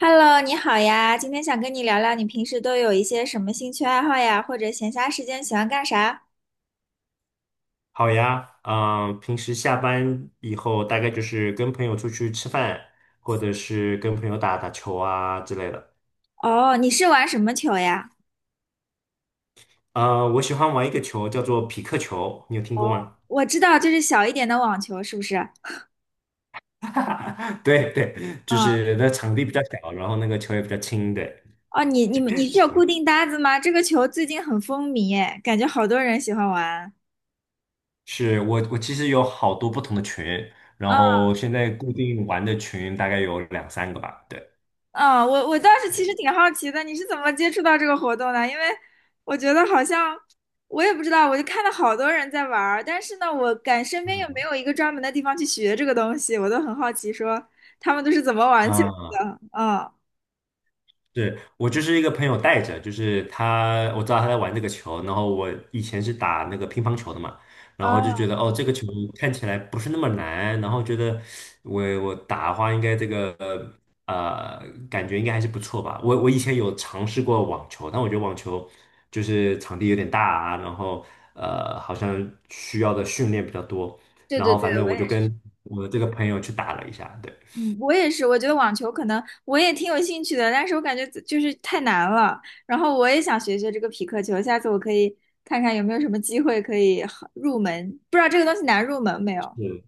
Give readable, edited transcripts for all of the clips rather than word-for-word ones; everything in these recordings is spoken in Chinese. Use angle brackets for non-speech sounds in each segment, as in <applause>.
Hello，你好呀，今天想跟你聊聊，你平时都有一些什么兴趣爱好呀，或者闲暇时间喜欢干啥？好呀，平时下班以后大概就是跟朋友出去吃饭，或者是跟朋友打打球啊之类的。哦，你是玩什么球呀？我喜欢玩一个球叫做匹克球，你有听哦，过吗？我知道，就是小一点的网球，是不是？啊，<laughs> 对对，就是那场地比较小，然后那个球也比较轻，对，哦，你是有小一固点。定搭子吗？这个球最近很风靡，哎，感觉好多人喜欢玩。是我其实有好多不同的群，然嗯后现在固定玩的群大概有两三个吧，对，啊，我倒是其哎。实挺好奇的，你是怎么接触到这个活动的？因为我觉得好像我也不知道，我就看到好多人在玩儿，但是呢，我感身边又没有一个专门的地方去学这个东西，我都很好奇，说他们都是怎么玩起来嗯，的？啊对我就是一个朋友带着，就是他，我知道他在玩这个球，然后我以前是打那个乒乓球的嘛，然后就啊，觉得哦，这个球看起来不是那么难，然后觉得我打的话应该这个呃感觉应该还是不错吧。我以前有尝试过网球，但我觉得网球就是场地有点大啊，然后好像需要的训练比较多，对然对后对，反正我也我就是，跟我的这个朋友去打了一下，对。嗯，我也是，我觉得网球可能我也挺有兴趣的，但是我感觉就是太难了，然后我也想学学这个匹克球，下次我可以看看有没有什么机会可以好入门，不知道这个东西难入门没有，是。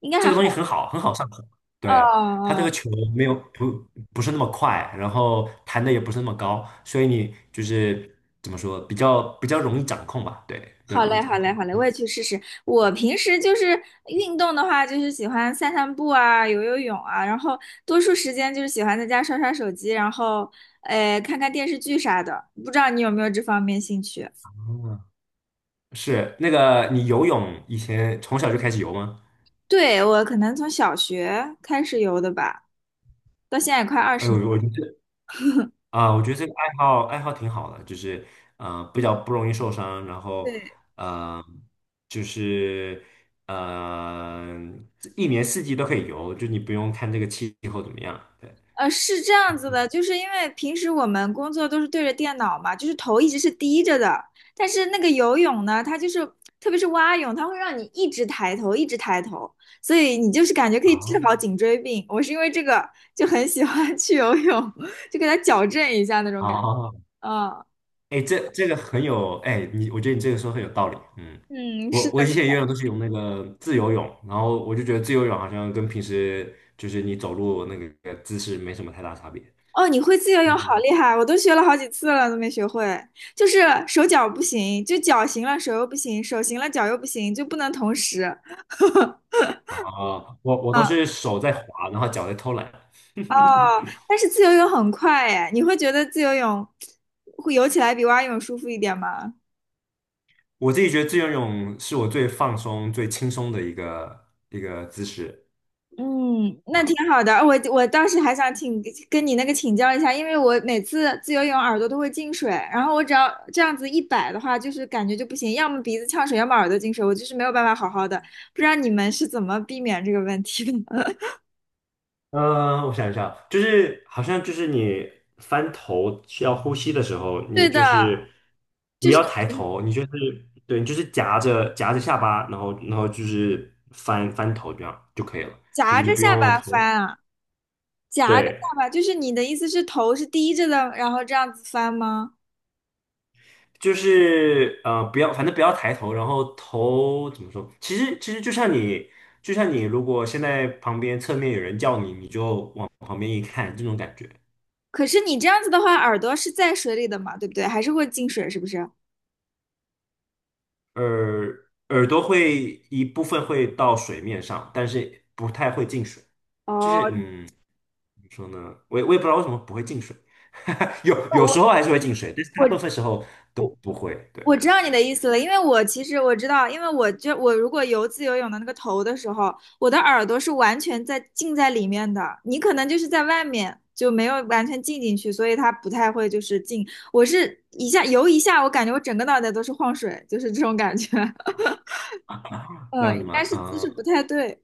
应该这还个东西好。很好，很好上手。哦对，它这哦，个球没有不是那么快，然后弹的也不是那么高，所以你就是怎么说，比较容易掌控吧？对，比较好容易嘞，好掌嘞，控。好嘞，我嗯，也去试试。我平时就是运动的话，就是喜欢散散步啊，游游泳啊，然后多数时间就是喜欢在家刷刷手机，然后看看电视剧啥的。不知道你有没有这方面兴趣？哦，是那个你游泳以前从小就开始游吗？对，我可能从小学开始游的吧，到现在也快二哎十呦，年我觉得这个爱好挺好的，就是比较不容易受伤，然后了。嗯，就是嗯，一年四季都可以游，就你不用看这个气候怎么样。对。是这样子嗯，的，就是因为平时我们工作都是对着电脑嘛，就是头一直是低着的。但是那个游泳呢，它就是，特别是蛙泳，它会让你一直抬头，一直抬头，所以你就是感觉可以治哦好颈椎病。我是因为这个就很喜欢 <laughs> 去游泳，<laughs> 就给它矫正一下那种感觉。哦，嗯哎，这个很有，哎，我觉得你这个说很有道理。嗯，嗯，是我的。我以前游泳都是用那个自由泳，然后我就觉得自由泳好像跟平时就是你走路那个姿势没什么太大差别。哦，你会自由泳，嗯好哼，厉害！我都学了好几次了，都没学会。就是手脚不行，就脚行了，手又不行；手行了，脚又不行，就不能同时。啊，我都嗯是手在滑，然后脚在偷懒。哦，<laughs> 但是自由泳很快哎，你会觉得自由泳会游起来比蛙泳舒服一点吗？我自己觉得自由泳是我最放松、最轻松的一个姿势。嗯，那挺啊。好的。我当时还想请跟你那个请教一下，因为我每次自由泳耳朵都会进水，然后我只要这样子一摆的话，就是感觉就不行，要么鼻子呛水，要么耳朵进水，我就是没有办法好好的。不知道你们是怎么避免这个问题的？<laughs> 呃嗯，我想一下，就是好像就是你翻头需要呼吸的时候，对你的，就是不就是要抬头，你就是对，你就是夹着夹着下巴，然后就是翻翻头这样就可以了，就夹是你着不下用巴头，翻啊，夹着对，下巴，就是你的意思是头是低着的，然后这样子翻吗？就是不要，反正不要抬头，然后头怎么说？其实就像你如果现在旁边侧面有人叫你，你就往旁边一看，这种感觉。可是你这样子的话，耳朵是在水里的嘛，对不对？还是会进水，是不是？耳朵会一部分会到水面上，但是不太会进水。就是哦，怎么说呢？我也不知道为什么不会进水，<laughs> 有时候还是会进水，但是大部我分时候都不会。对，我知道你的意思了，因为我其实我知道，因为我就我如果游自由泳的那个头的时候，我的耳朵是完全在浸在里面的，你可能就是在外面就没有完全浸进去，所以它不太会就是进。我是一下游一下，我感觉我整个脑袋都是晃水，就是这种感觉。<laughs> 这嗯，样应子该吗？是姿势不太对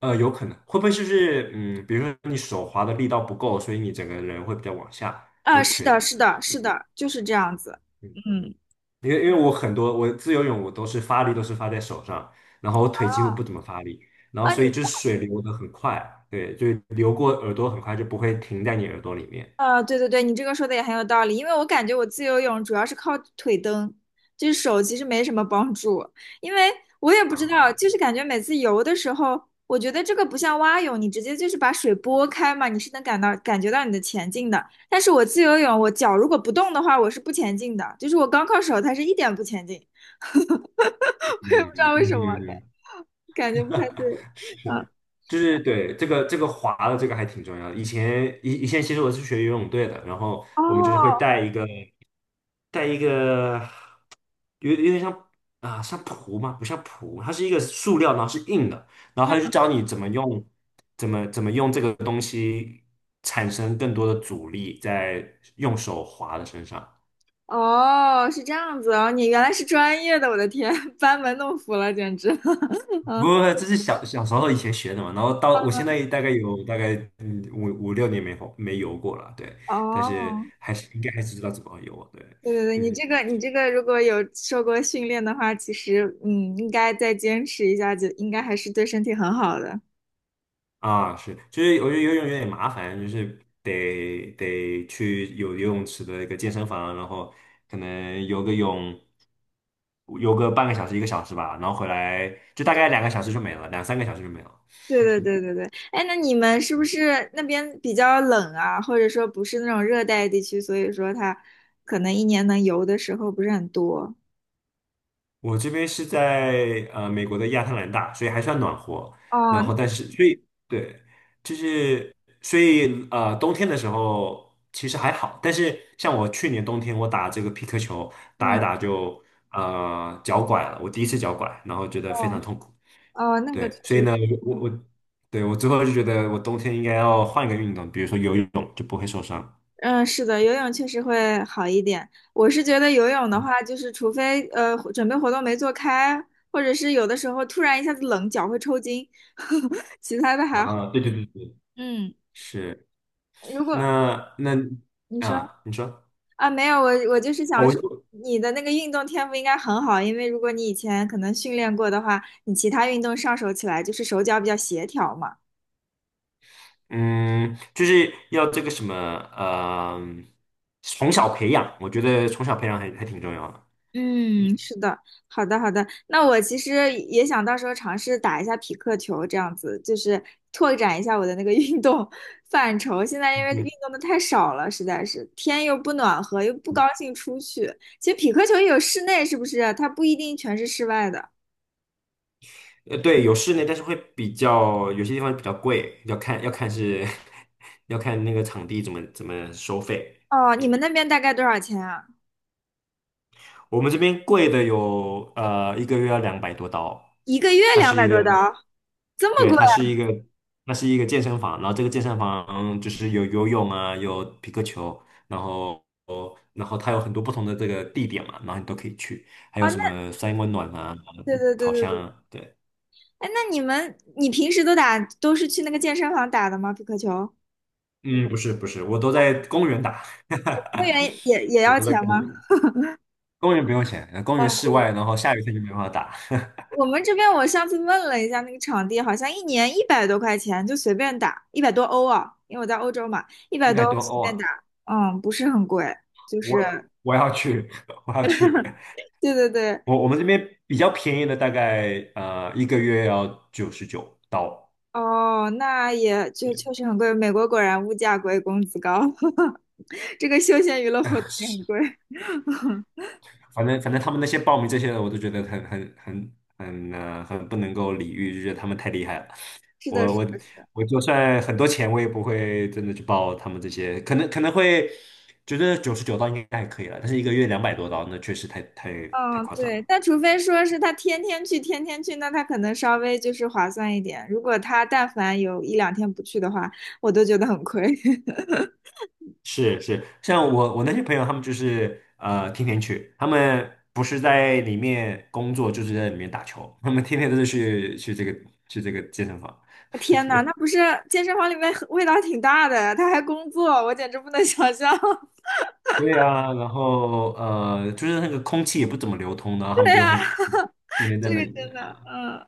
有可能会不会就是比如说你手滑的力道不够，所以你整个人会比较往下，我啊，也不是确的，定。是的，是嗯的，就是这样子。嗯，嗯。因为我很多我自由泳我都是发力都是发在手上，然后我腿几乎不怎么发力，然后啊，你所以就是水流的很快，对，就流过耳朵很快就不会停在你耳朵里面啊，对对对，你这个说的也很有道理，因为我感觉我自由泳主要是靠腿蹬，就是手其实没什么帮助，因为我也不知道，啊，就是感觉每次游的时候，我觉得这个不像蛙泳，你直接就是把水拨开嘛，你是能感觉到你的前进的，但是我自由泳，我脚如果不动的话，我是不前进的，就是我光靠手，它是一点不前进，<laughs> 我也不知道嗯嗯为什么，感嗯，感觉不太对，嗯，嗯，是，就是对这个滑的这个还挺重要的。以前其实我是学游泳队的，然后我们就是会哦，带一个有点像啊、像蹼嘛，不像蹼，它是一个塑料，然后是硬的，然后他就教你怎么用，怎么用这个东西产生更多的阻力，在用手划的身上。哦，是这样子哦，你原来是专业的，我的天，<laughs> 班门弄斧了，简直。<laughs> 不嗯，过这是小时候以前学的嘛，然后到我现在大概五六年没游过了，对，但是哦，还是应该还是知道怎么游，对，对对对，你嗯，这个你这个如果有受过训练的话，其实嗯，应该再坚持一下，就应该还是对身体很好的。啊，是，就是我觉得游泳有点麻烦，就是得去有游泳池的一个健身房，然后可能游个半个小时一个小时吧，然后回来就大概两个小时就没了，两三个小时就没了。对对对对对，哎，那你们是不是那边比较冷啊？或者说不是那种热带地区，所以说它可能一年能游的时候不是很多。我这边是在美国的亚特兰大，所以还算暖和。哦，然那后，但是所以对，就是所以冬天的时候其实还好，但是像我去年冬天我打这个皮克球，打嗯，一打就脚拐了，我第一次脚拐，然后觉得非常哦痛苦。哦，那个确对，所以实。呢，我对，我最后就觉得我冬天应该要换一个运动，比如说游泳就不会受伤。嗯，是的，游泳确实会好一点。我是觉得游泳的嗯话，就是除非准备活动没做开，或者是有的时候突然一下子冷，脚会抽筋，<laughs> 其他的还好。啊，对对对对，嗯，是。如果那，你说啊，你说啊，没有，我就是哦，想说，我。你的那个运动天赋应该很好，因为如果你以前可能训练过的话，你其他运动上手起来就是手脚比较协调嘛。嗯，就是要这个什么，从小培养，我觉得从小培养还挺重要的。嗯嗯，是的，好的，好的。那我其实也想到时候尝试打一下匹克球，这样子就是拓展一下我的那个运动 <laughs> 范畴。现在因嗯为运嗯，动的太少了，实在是天又不暖和，又不高嗯兴出去。其实匹克球也有室内，是不是？它不一定全是室外的。呃，对，有室内，但是会比较有些地方比较贵，要看是 <laughs> 要看那个场地怎么收费。哦，你们嗯。那边大概多少钱啊？我们这边贵的有一个月要两百多刀，一个月它两是百一多个刀，这么对，贵？它是一个那是一个健身房，然后这个健身房就是有游泳啊，有皮克球，然后然后它有很多不同的这个地点嘛，然后你都可以去，还有哦，什那么三温暖啊、对对对烤对箱对。啊，对，哎，那你平时都是去那个健身房打的吗？匹克球嗯，不是不是，我都在公园打，会 <laughs> 员也我要都在钱吗？公园，公园不用钱，公园室哦，外，然后下雨天就没办法打，<laughs> 我们这边我上次问了一下那个场地，好像一年100多块钱就随便打，一百多欧啊，因为我在欧洲嘛，一一百多百欧多随欧便打，啊，嗯，不是很贵，就我是，我要去，<laughs> 我要去。对对对，我们这边比较便宜的，大概一个月要九十九刀。哦，那也就对确实很贵，美国果然物价贵，工资高，<laughs> 这个休闲娱乐活啊，动也是，很贵，反正他们那些报名这些的，我都觉得很不能够理喻，就觉得他们太厉害了。是的，是我我的我就算很多钱，我也不会真的去报他们这些，可能会觉得九十九刀应该还可以了，但是一个月两百多刀，那确实太嗯，夸张了。对，但除非说是他天天去，天天去，那他可能稍微就是划算一点，如果他但凡有一两天不去的话，我都觉得很亏。<laughs> 是是，像我那些朋友，他们就是天天去，他们不是在里面工作，就是在里面打球，他们天天都是去这个健身房。天呐，那不是健身房里面很味道挺大的呀他还工作，我简直不能想象。<laughs> 对啊，然后就是那个空气也不怎么流通的，然后他对们就呀，很天天在这那个里面真的，啊。嗯，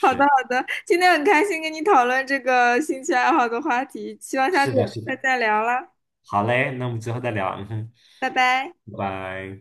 好的好的，今天很开心跟你讨论这个兴趣爱好的话题，希望下次是有的，机是会的。再聊了，好嘞，那我们之后再聊，嗯哼，拜拜。拜拜。